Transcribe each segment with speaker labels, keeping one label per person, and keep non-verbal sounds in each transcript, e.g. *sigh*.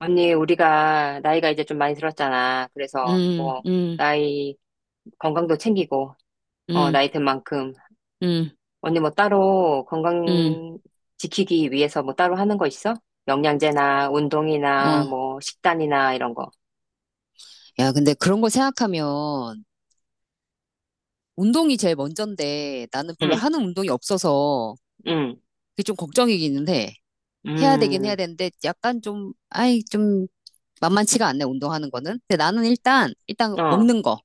Speaker 1: 언니, 우리가 나이가 이제 좀 많이 들었잖아. 그래서
Speaker 2: 음,
Speaker 1: 뭐,
Speaker 2: 음,
Speaker 1: 나이, 건강도 챙기고,
Speaker 2: 음,
Speaker 1: 나이 든 만큼.
Speaker 2: 음,
Speaker 1: 언니 뭐 따로
Speaker 2: 음,
Speaker 1: 건강 지키기 위해서 뭐 따로 하는 거 있어? 영양제나 운동이나
Speaker 2: 어.
Speaker 1: 뭐 식단이나 이런 거.
Speaker 2: 야, 근데 그런 거 생각하면 운동이 제일 먼저인데 나는 별로
Speaker 1: 응,
Speaker 2: 하는 운동이 없어서
Speaker 1: 응,
Speaker 2: 그게 좀 걱정이기는 해. 해야 되긴 해야
Speaker 1: 음,
Speaker 2: 되는데 약간 좀, 아이, 좀 만만치가 않네, 운동하는 거는. 근데 나는 일단
Speaker 1: 어,
Speaker 2: 먹는 거.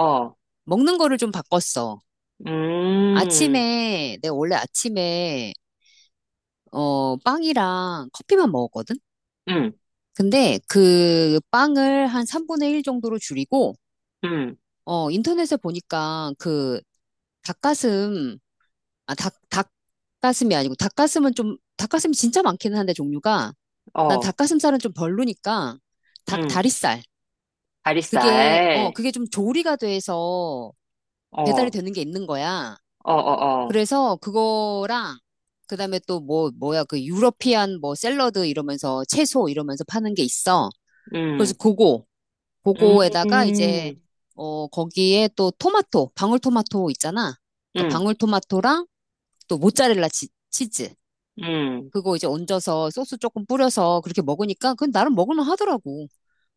Speaker 1: 어,
Speaker 2: 먹는 거를 좀 바꿨어.
Speaker 1: 음,
Speaker 2: 아침에, 내가 원래 아침에, 빵이랑 커피만 먹었거든?
Speaker 1: 응,
Speaker 2: 근데 그 빵을 한 3분의 1 정도로 줄이고
Speaker 1: 응,
Speaker 2: 인터넷에 보니까 그 닭가슴, 닭가슴이 아니고 닭가슴은 좀, 닭가슴이 진짜 많기는 한데 종류가 난
Speaker 1: 어,
Speaker 2: 닭가슴살은 좀 별로니까 닭
Speaker 1: 응,
Speaker 2: 다리살. 그게, 어,
Speaker 1: 다리살,
Speaker 2: 그게 좀 조리가 돼서
Speaker 1: 어,
Speaker 2: 배달이
Speaker 1: 어,
Speaker 2: 되는 게 있는 거야.
Speaker 1: 어, 어,
Speaker 2: 그래서 그거랑 그다음에 또 뭐야, 그 유러피안 뭐 샐러드 이러면서 채소 이러면서 파는 게 있어. 그래서
Speaker 1: 음,
Speaker 2: 그거 그거에다가 이제
Speaker 1: 음,
Speaker 2: 어 거기에 또 방울토마토 있잖아. 그러니까
Speaker 1: 음,
Speaker 2: 방울토마토랑 또 모짜렐라 치, 즈
Speaker 1: 음.
Speaker 2: 그거 이제 얹어서 소스 조금 뿌려서 그렇게 먹으니까 그건 나름 먹을만 하더라고.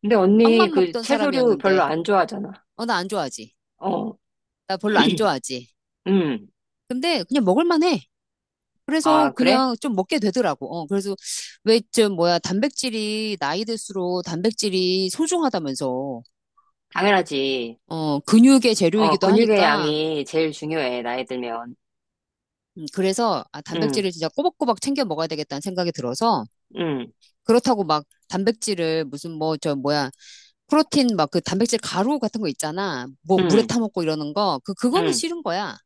Speaker 1: 근데 언니
Speaker 2: 빵만
Speaker 1: 그
Speaker 2: 먹던
Speaker 1: 채소류 별로
Speaker 2: 사람이었는데
Speaker 1: 안 좋아하잖아.
Speaker 2: 어 나 안 좋아하지.
Speaker 1: 어,
Speaker 2: 나 별로 안
Speaker 1: *clears throat*
Speaker 2: 좋아하지.
Speaker 1: 음.
Speaker 2: 근데 그냥 먹을만 해. 그래서
Speaker 1: 아, 그래?
Speaker 2: 그냥 좀 먹게 되더라고. 어 그래서 왜 좀 뭐야 단백질이 나이 들수록 단백질이 소중하다면서
Speaker 1: 당연하지.
Speaker 2: 어 근육의
Speaker 1: 어,
Speaker 2: 재료이기도
Speaker 1: 근육의
Speaker 2: 하니까
Speaker 1: 양이 제일 중요해, 나이 들면.
Speaker 2: 그래서 아,
Speaker 1: 음,
Speaker 2: 단백질을 진짜 꼬박꼬박 챙겨 먹어야 되겠다는 생각이 들어서
Speaker 1: 음,
Speaker 2: 그렇다고 막 단백질을 무슨 뭐 저 뭐야 프로틴 막 그 단백질 가루 같은 거 있잖아 뭐 물에
Speaker 1: 음,
Speaker 2: 타 먹고 이러는 거 그 그거는
Speaker 1: 음.
Speaker 2: 싫은 거야.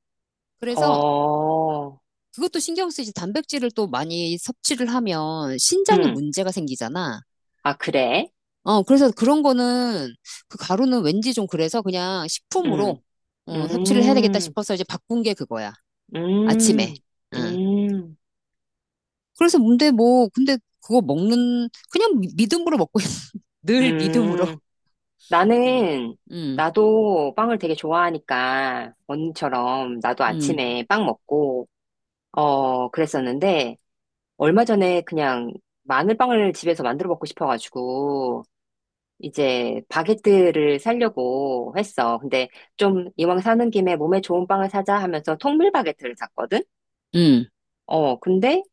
Speaker 2: 그래서
Speaker 1: 어,
Speaker 2: 그것도 신경 쓰이지 단백질을 또 많이 섭취를 하면 신장에
Speaker 1: 음.
Speaker 2: 문제가 생기잖아.
Speaker 1: 아, 그래?
Speaker 2: 어 그래서 그런 거는 그 가루는 왠지 좀 그래서 그냥
Speaker 1: 음,
Speaker 2: 식품으로 어, 섭취를 해야 되겠다
Speaker 1: 음,
Speaker 2: 싶어서 이제 바꾼 게 그거야. 아침에.
Speaker 1: 음,
Speaker 2: 응.
Speaker 1: 음,
Speaker 2: 그래서 근데 뭐, 근데 그거 먹는, 그냥 믿음으로 먹고 있어. *laughs* 늘 믿음으로.
Speaker 1: 음.
Speaker 2: 음,
Speaker 1: 나는,
Speaker 2: 음,
Speaker 1: 나도 빵을 되게 좋아하니까, 언니처럼 나도
Speaker 2: 음,
Speaker 1: 아침에 빵 먹고, 그랬었는데, 얼마 전에 그냥 마늘빵을 집에서 만들어 먹고 싶어가지고 이제 바게트를 사려고 했어. 근데 좀 이왕 사는 김에 몸에 좋은 빵을 사자 하면서 통밀 바게트를 샀거든?
Speaker 2: 음.
Speaker 1: 근데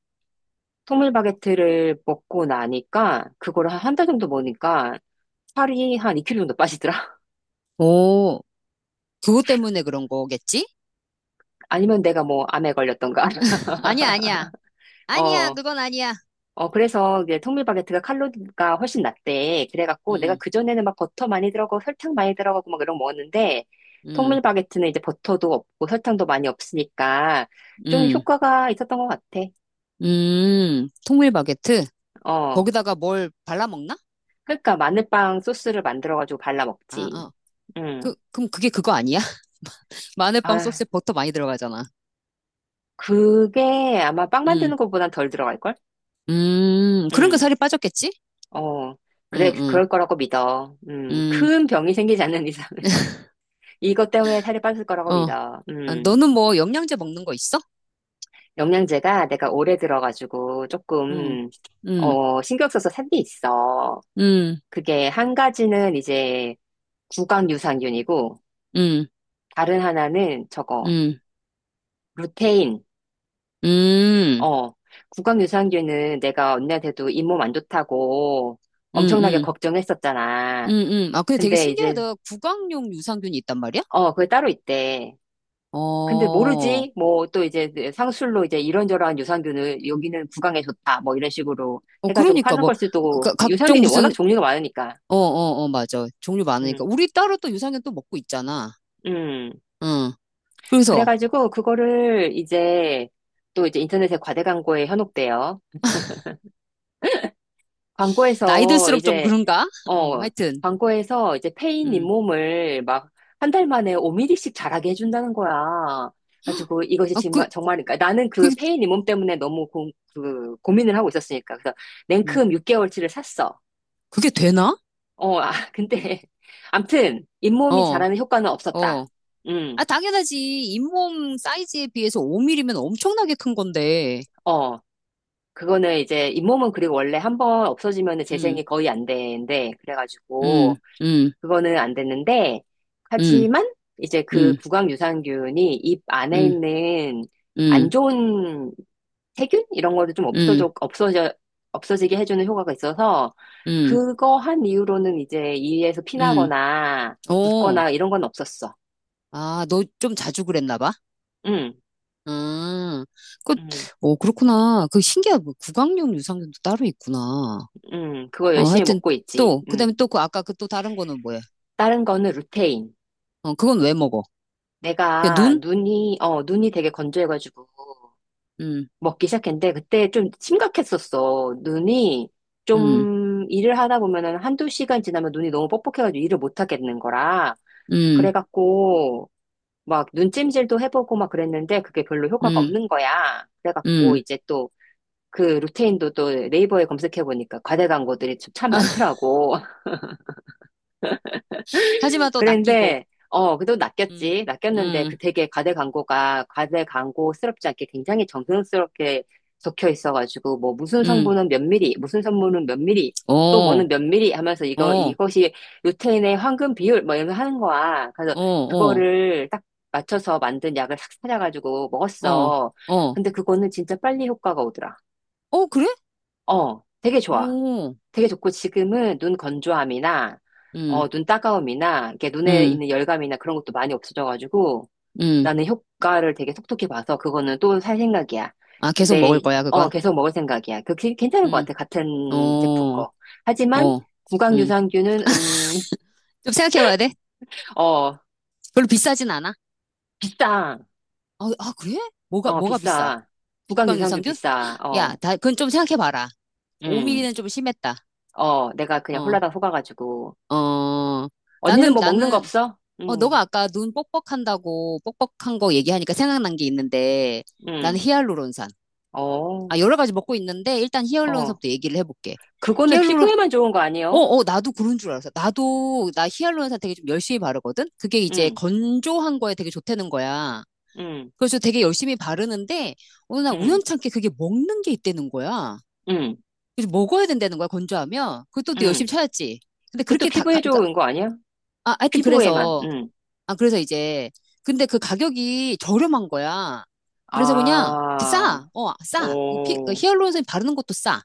Speaker 1: 통밀 바게트를 먹고 나니까 그걸 한 한 달 정도 먹으니까 살이 한 2kg 정도 빠지더라.
Speaker 2: 오, 그것 때문에 그런 거겠지?
Speaker 1: *laughs* 아니면 내가 뭐 암에 걸렸던가. *laughs*
Speaker 2: 아니야, 아니야. 아니야,
Speaker 1: 어,
Speaker 2: 그건 아니야.
Speaker 1: 어, 그래서 이 통밀바게트가 칼로리가 훨씬 낮대. 그래갖고 내가
Speaker 2: 음,
Speaker 1: 그전에는 막 버터 많이 들어가고 설탕 많이 들어가고 막 이런 거 먹었는데
Speaker 2: 음,
Speaker 1: 통밀바게트는 이제 버터도 없고 설탕도 많이 없으니까 좀
Speaker 2: 음,
Speaker 1: 효과가 있었던 것 같아.
Speaker 2: 통밀 바게트?
Speaker 1: 어.
Speaker 2: 거기다가 뭘 발라 먹나?
Speaker 1: 그러니까 마늘빵 소스를 만들어가지고 발라
Speaker 2: 아,
Speaker 1: 먹지.
Speaker 2: 어.
Speaker 1: 음.
Speaker 2: 그, 그럼 그게 그거 아니야? *laughs* 마늘빵
Speaker 1: 아,
Speaker 2: 소스에 버터 많이 들어가잖아.
Speaker 1: 그게 아마 빵
Speaker 2: 음,
Speaker 1: 만드는 것보단 덜 들어갈걸?
Speaker 2: 그러니까
Speaker 1: 음.
Speaker 2: 살이 빠졌겠지?
Speaker 1: 어.
Speaker 2: 응
Speaker 1: 그래,
Speaker 2: 응
Speaker 1: 그럴 거라고 믿어. 음.
Speaker 2: 응
Speaker 1: 큰 병이 생기지 않는 이상. *laughs* 이것 때문에 살이 빠질 거라고
Speaker 2: 어.
Speaker 1: 믿어.
Speaker 2: 아,
Speaker 1: 음.
Speaker 2: 너는 뭐 영양제 먹는 거 있어?
Speaker 1: 영양제가 내가 오래 들어가지고
Speaker 2: 음,
Speaker 1: 조금,
Speaker 2: 음,
Speaker 1: 신경 써서 산 게 있어.
Speaker 2: 음,
Speaker 1: 그게 한 가지는 이제 구강유산균이고,
Speaker 2: 음,
Speaker 1: 다른 하나는 저거,
Speaker 2: 음,
Speaker 1: 루테인.
Speaker 2: 음, 음,
Speaker 1: 어, 구강유산균은 내가 언니한테도 잇몸 안 좋다고 엄청나게
Speaker 2: 음, 음,
Speaker 1: 걱정했었잖아.
Speaker 2: 아, 근데 되게
Speaker 1: 근데 이제,
Speaker 2: 신기하다. 구강용 유산균이 있단 말이야?
Speaker 1: 그게 따로 있대.
Speaker 2: 어,
Speaker 1: 근데
Speaker 2: 어,
Speaker 1: 모르지? 뭐 또 이제 상술로 이제 이런저런 유산균을 여기는 구강에 좋다. 뭐 이런 식으로 해가지고
Speaker 2: 그러니까
Speaker 1: 파는
Speaker 2: 뭐,
Speaker 1: 걸 수도
Speaker 2: 각종
Speaker 1: 유산균이 워낙
Speaker 2: 무슨,
Speaker 1: 종류가 많으니까
Speaker 2: 어, 어, 어, 맞아. 종류 많으니까.
Speaker 1: 음,
Speaker 2: 우리 따로 또 유산균 또 먹고 있잖아.
Speaker 1: 음.
Speaker 2: 응. 그래서,
Speaker 1: 그래가지고 그거를 이제 또 이제 인터넷에 과대 광고에 현혹돼요.
Speaker 2: 나이
Speaker 1: 광고에서
Speaker 2: 들수록 좀
Speaker 1: 이제
Speaker 2: 그런가? *laughs* 응,
Speaker 1: 어
Speaker 2: 하여튼,
Speaker 1: 광고에서 이제 페인
Speaker 2: 응.
Speaker 1: 잇몸을 막 한달 만에 5mm씩 자라게 해준다는 거야. 가지고 이것이
Speaker 2: 아, 그,
Speaker 1: 정말 정말 그러니까 나는
Speaker 2: 그,
Speaker 1: 그 페인 잇몸 때문에 그 고민을 하고 있었으니까 그래서
Speaker 2: 음.
Speaker 1: 냉큼 6개월치를 샀어.
Speaker 2: 그게 되나?
Speaker 1: 어, 아, 근데 *laughs* 암튼 잇몸이
Speaker 2: 어,
Speaker 1: 자라는 효과는 없었다.
Speaker 2: 어. 아,
Speaker 1: 음,
Speaker 2: 당연하지. 잇몸 사이즈에 비해서 5mm면 엄청나게 큰 건데.
Speaker 1: 어. 그거는 이제 잇몸은 그리고 원래 한번 없어지면
Speaker 2: 응.
Speaker 1: 재생이 거의 안 되는데, 그래가지고,
Speaker 2: 음, 음,
Speaker 1: 그거는 안 됐는데,
Speaker 2: 음,
Speaker 1: 하지만 이제 그
Speaker 2: 음,
Speaker 1: 구강 유산균이 입 안에
Speaker 2: 음,
Speaker 1: 있는 안
Speaker 2: 음,
Speaker 1: 좋은 세균? 이런 거를 좀
Speaker 2: 음,
Speaker 1: 없어지게 해주는 효과가 있어서,
Speaker 2: 음,
Speaker 1: 그거 한 이후로는 이제 이에서
Speaker 2: 음.
Speaker 1: 피나거나,
Speaker 2: 오,
Speaker 1: 붓거나 이런 건 없었어.
Speaker 2: 아, 너 좀 자주 그랬나 봐?
Speaker 1: 응,
Speaker 2: 음, 그,
Speaker 1: 응,
Speaker 2: 오, 그렇구나. 그 신기하다. 뭐 구강용 유산균도 따로 있구나.
Speaker 1: 응. 그거
Speaker 2: 어,
Speaker 1: 열심히
Speaker 2: 하여튼
Speaker 1: 먹고 있지.
Speaker 2: 또, 그다음에
Speaker 1: 응.
Speaker 2: 또 그 아까 그 또 다른 거는 뭐야?
Speaker 1: 다른 거는 루테인.
Speaker 2: 어, 그건 왜 먹어? 그
Speaker 1: 내가
Speaker 2: 눈?
Speaker 1: 눈이, 어, 눈이 되게 건조해가지고
Speaker 2: 음,
Speaker 1: 먹기 시작했는데 그때 좀 심각했었어. 눈이
Speaker 2: 음,
Speaker 1: 좀 일을 하다 보면은 한두 시간 지나면 눈이 너무 뻑뻑해가지고 일을 못 하겠는 거라.
Speaker 2: 음,
Speaker 1: 그래갖고 막 눈찜질도 해보고 막 그랬는데 그게 별로 효과가
Speaker 2: 음,
Speaker 1: 없는 거야. 그래갖고
Speaker 2: 음.
Speaker 1: 이제 또 그 루테인도 또 네이버에 검색해보니까 과대 광고들이 참 많더라고.
Speaker 2: 하지만 또 낚이고.
Speaker 1: 그런데, 어, 그래도
Speaker 2: 음,
Speaker 1: 낚였지. 낚였는데 그
Speaker 2: 음,
Speaker 1: 되게 과대 광고가 과대 광고스럽지 않게 굉장히 정성스럽게 적혀 있어가지고, 뭐 무슨
Speaker 2: 음.
Speaker 1: 성분은 몇 미리, 무슨 성분은 몇 미리,
Speaker 2: 어,
Speaker 1: 또
Speaker 2: 어,
Speaker 1: 뭐는 몇 미리 하면서 이거,
Speaker 2: 어,
Speaker 1: 이것이 루테인의 황금 비율, 뭐 이러면서 하는 거야. 그래서
Speaker 2: 어,
Speaker 1: 그거를 딱 맞춰서 만든 약을 싹 찾아가지고
Speaker 2: 어,
Speaker 1: 먹었어.
Speaker 2: 어.
Speaker 1: 근데 그거는 진짜 빨리 효과가 오더라.
Speaker 2: 어, 그래?
Speaker 1: 어, 되게 좋아.
Speaker 2: 오.
Speaker 1: 되게 좋고 지금은 눈 건조함이나
Speaker 2: 음,
Speaker 1: 어, 눈 따가움이나 이렇게 눈에
Speaker 2: 음,
Speaker 1: 있는 열감이나 그런 것도 많이 없어져가지고
Speaker 2: 음.
Speaker 1: 나는 효과를 되게 톡톡히 봐서 그거는 또 살 생각이야.
Speaker 2: 아, 계속 먹을
Speaker 1: 근데
Speaker 2: 거야,
Speaker 1: 어,
Speaker 2: 그건?
Speaker 1: 계속 먹을 생각이야. 괜찮은 것
Speaker 2: 음,
Speaker 1: 같아. 같은 제품
Speaker 2: 어,
Speaker 1: 거. 하지만
Speaker 2: 어, 음.
Speaker 1: 구강유산균은 *laughs*
Speaker 2: 좀 생각해 봐야 돼.
Speaker 1: 어,
Speaker 2: 별로 비싸진 않아.
Speaker 1: 비싸.
Speaker 2: 어, 아, 아, 그래? 뭐가,
Speaker 1: 어,
Speaker 2: 뭐가 비싸?
Speaker 1: 비싸. 구강유산균
Speaker 2: 국강유산균?
Speaker 1: 비싸.
Speaker 2: 야,
Speaker 1: 어.
Speaker 2: 다, 그건 좀 생각해 봐라.
Speaker 1: 음.
Speaker 2: 5mm는 좀 심했다.
Speaker 1: 어, 내가 그냥
Speaker 2: 어,
Speaker 1: 홀라당 속아가지고
Speaker 2: 어.
Speaker 1: 언니는
Speaker 2: 나는,
Speaker 1: 뭐 먹는 거
Speaker 2: 나는,
Speaker 1: 없어?
Speaker 2: 어, 너가
Speaker 1: 음.
Speaker 2: 아까 눈 뻑뻑한다고, 뻑뻑한 거 얘기하니까 생각난 게 있는데, 나는
Speaker 1: 음.
Speaker 2: 히알루론산. 아,
Speaker 1: 어.
Speaker 2: 여러 가지 먹고 있는데, 일단
Speaker 1: 어.
Speaker 2: 히알루론산부터 얘기를 해볼게.
Speaker 1: 그거는
Speaker 2: 히알루론,
Speaker 1: 피부에만 좋은 거
Speaker 2: 어,
Speaker 1: 아니에요?
Speaker 2: 어, 나도 그런 줄 알았어. 나도, 나 히알루론산 되게 좀 열심히 바르거든? 그게 이제
Speaker 1: 응,
Speaker 2: 건조한 거에 되게 좋다는 거야.
Speaker 1: 응,
Speaker 2: 그래서 되게 열심히 바르는데, 어느 날
Speaker 1: 응,
Speaker 2: 우연찮게 그게 먹는 게 있다는 거야.
Speaker 1: 응,
Speaker 2: 그래서 먹어야 된다는 거야, 건조하면. 그것도 또 열심히
Speaker 1: 응.
Speaker 2: 찾았지. 근데
Speaker 1: 그것도
Speaker 2: 그렇게 다, 가,
Speaker 1: 피부에
Speaker 2: 그러니까,
Speaker 1: 좋은 거 아니야?
Speaker 2: 아, 하여튼
Speaker 1: 피부에만,
Speaker 2: 그래서,
Speaker 1: 응.
Speaker 2: 아, 그래서 이제, 근데 그 가격이 저렴한 거야. 그래서 그냥, 싸,
Speaker 1: 아,
Speaker 2: 어, 싸. 그 피, 그
Speaker 1: 오,
Speaker 2: 히알루론산 바르는 것도 싸.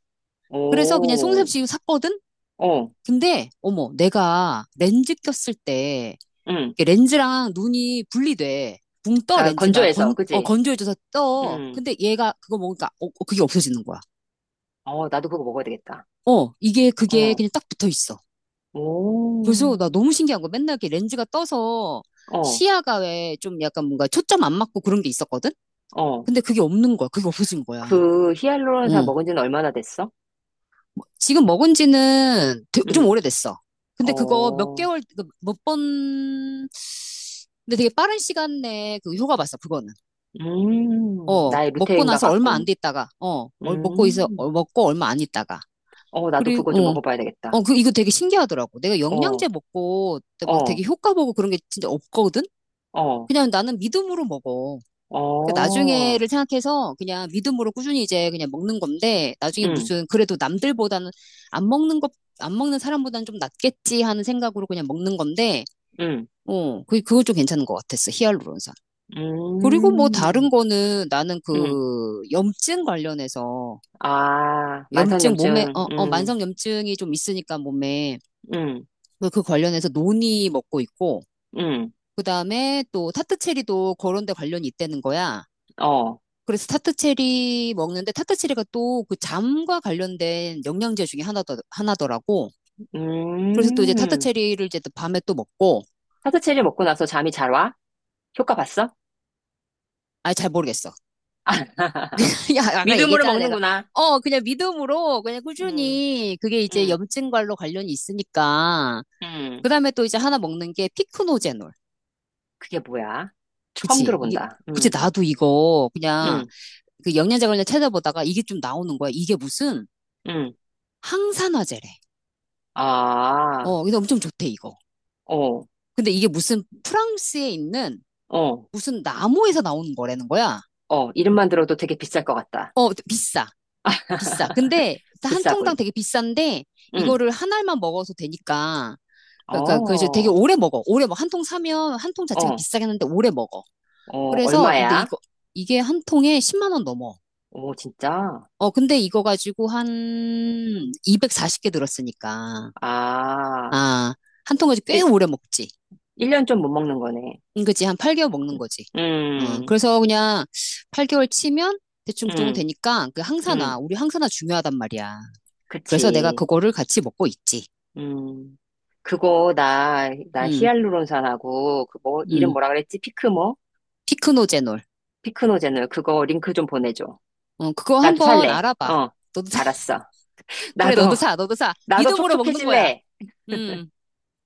Speaker 2: 그래서 그냥
Speaker 1: 오,
Speaker 2: 송샘씨 샀거든?
Speaker 1: 어,
Speaker 2: 근데, 어머, 내가 렌즈 꼈을 때,
Speaker 1: 응.
Speaker 2: 이게 렌즈랑 눈이 분리돼. 붕 떠,
Speaker 1: 그러니까
Speaker 2: 렌즈가.
Speaker 1: 건조해서,
Speaker 2: 건, 어,
Speaker 1: 그지?
Speaker 2: 건조해져서 떠.
Speaker 1: 응.
Speaker 2: 근데 얘가 그거 먹으니까, 어, 어, 그게 없어지는 거야.
Speaker 1: 어, 나도 그거 먹어야 되겠다.
Speaker 2: 어, 이게, 그게
Speaker 1: 어,
Speaker 2: 그냥 딱 붙어 있어. 그래서 나
Speaker 1: 오,
Speaker 2: 너무 신기한 거. 맨날 이렇게 렌즈가 떠서
Speaker 1: 어,
Speaker 2: 시야가 왜 좀 약간 뭔가 초점 안 맞고 그런 게 있었거든?
Speaker 1: 어.
Speaker 2: 근데 그게 없는 거야. 그게 없어진 거야.
Speaker 1: 그 히알루론산
Speaker 2: 어.
Speaker 1: 먹은 지는 얼마나 됐어?
Speaker 2: 뭐, 지금 먹은 지는 좀
Speaker 1: 응,
Speaker 2: 오래됐어. 근데 그거 몇
Speaker 1: 어,
Speaker 2: 개월, 그 몇 번, 근데 되게 빠른 시간 내에 그 효과 봤어, 그거는. 어,
Speaker 1: 나의
Speaker 2: 먹고
Speaker 1: 루테인과
Speaker 2: 나서 얼마 안
Speaker 1: 같군.
Speaker 2: 됐다가 어, 먹고 있어,
Speaker 1: 음,
Speaker 2: 어, 먹고 얼마 안 있다가.
Speaker 1: 어, 나도 그거 좀
Speaker 2: 그리고, 어,
Speaker 1: 먹어봐야
Speaker 2: 어,
Speaker 1: 되겠다.
Speaker 2: 그, 이거 되게 신기하더라고. 내가
Speaker 1: 어.
Speaker 2: 영양제 먹고 막
Speaker 1: 어,
Speaker 2: 되게 효과 보고 그런 게 진짜 없거든?
Speaker 1: 어,
Speaker 2: 그냥 나는 믿음으로 먹어. 그러니까
Speaker 1: 어,
Speaker 2: 나중에를 생각해서 그냥 믿음으로 꾸준히 이제 그냥 먹는 건데, 나중에
Speaker 1: 응,
Speaker 2: 무슨, 그래도 남들보다는 안 먹는 것, 안 먹는 사람보다는 좀 낫겠지 하는 생각으로 그냥 먹는 건데,
Speaker 1: 응,
Speaker 2: 어, 그, 그거 좀 괜찮은 것 같았어. 히알루론산. 그리고 뭐 다른
Speaker 1: 음,
Speaker 2: 거는 나는
Speaker 1: 응.
Speaker 2: 그 염증 관련해서
Speaker 1: 아,
Speaker 2: 염증 몸에
Speaker 1: 만성염증,
Speaker 2: 어, 어
Speaker 1: 응,
Speaker 2: 만성 염증이 좀 있으니까 몸에
Speaker 1: 응,
Speaker 2: 뭐그 관련해서 논이 먹고 있고
Speaker 1: 응,
Speaker 2: 그다음에 또 타트체리도 그런 데 관련이 있다는 거야.
Speaker 1: 어,
Speaker 2: 그래서 타트체리 먹는데 타트체리가 또 그 잠과 관련된 영양제 중에 하나더라고. 그래서 또 이제
Speaker 1: 음.
Speaker 2: 타트체리를 이제 또 밤에 또 먹고
Speaker 1: 사트체리 먹고 나서 잠이 잘 와? 효과 봤어?
Speaker 2: 아 잘 모르겠어.
Speaker 1: *laughs*
Speaker 2: *laughs* 야 아까
Speaker 1: 믿음으로
Speaker 2: 얘기했잖아 내가
Speaker 1: 먹는구나.
Speaker 2: 어 그냥 믿음으로 그냥
Speaker 1: 응,
Speaker 2: 꾸준히 그게 이제
Speaker 1: 응,
Speaker 2: 염증과로 관련이 있으니까
Speaker 1: 응.
Speaker 2: 그다음에 또 이제 하나 먹는 게 피크노제놀.
Speaker 1: 그게 뭐야? 처음
Speaker 2: 그치. 이게,
Speaker 1: 들어본다.
Speaker 2: 그치.
Speaker 1: 응,
Speaker 2: 나도 이거 그냥
Speaker 1: 응,
Speaker 2: 그 영양제 관련 찾아보다가 이게 좀 나오는 거야. 이게 무슨
Speaker 1: 응.
Speaker 2: 항산화제래.
Speaker 1: 아,
Speaker 2: 어, 근데 엄청 좋대, 이거.
Speaker 1: 어,
Speaker 2: 근데 이게 무슨 프랑스에 있는
Speaker 1: 어,
Speaker 2: 무슨 나무에서 나오는 거라는 거야.
Speaker 1: 어. 이름만 들어도 되게 비쌀 것 같다.
Speaker 2: 어, 비싸. 비싸. 근데
Speaker 1: *laughs*
Speaker 2: 한 통당
Speaker 1: 비싸군.
Speaker 2: 되게 비싼데
Speaker 1: 응,
Speaker 2: 이거를 한 알만 먹어서 되니까. 그러니까 그래서 되게
Speaker 1: 어.
Speaker 2: 오래 먹어. 오래 먹어. 한 통 사면 한 통 자체가
Speaker 1: 어,
Speaker 2: 비싸긴 한데 오래 먹어.
Speaker 1: 어,
Speaker 2: 그래서 근데
Speaker 1: 얼마야?
Speaker 2: 이거 이게 한 통에 10만 원 넘어.
Speaker 1: 오, 진짜?
Speaker 2: 어, 근데 이거 가지고 한 240개 들었으니까.
Speaker 1: 아,
Speaker 2: 아, 한 통까지 꽤
Speaker 1: 일
Speaker 2: 오래 먹지.
Speaker 1: 1년 좀 못 먹는 거네.
Speaker 2: 응, 그치. 한 8개월 먹는 거지. 어,
Speaker 1: 음,
Speaker 2: 그래서 그냥 8개월 치면 대충 그 정도
Speaker 1: 음,
Speaker 2: 되니까 그
Speaker 1: 음,
Speaker 2: 항산화, 우리 항산화 중요하단 말이야. 그래서 내가
Speaker 1: 그치.
Speaker 2: 그거를 같이 먹고 있지.
Speaker 1: 음, 그거, 나, 나
Speaker 2: 응,
Speaker 1: 히알루론산하고, 그 뭐, 이름
Speaker 2: 응.
Speaker 1: 뭐라 그랬지? 피크모?
Speaker 2: 피크노제놀.
Speaker 1: 피크노제놀. 그거 링크 좀 보내줘.
Speaker 2: 어, 그거
Speaker 1: 나도
Speaker 2: 한번
Speaker 1: 살래.
Speaker 2: 알아봐.
Speaker 1: 어,
Speaker 2: 너도,
Speaker 1: 알았어.
Speaker 2: *laughs* 그래, 너도
Speaker 1: 나도,
Speaker 2: 사, 너도 사.
Speaker 1: 나도
Speaker 2: 믿음으로 먹는 거야.
Speaker 1: 촉촉해질래.
Speaker 2: 응.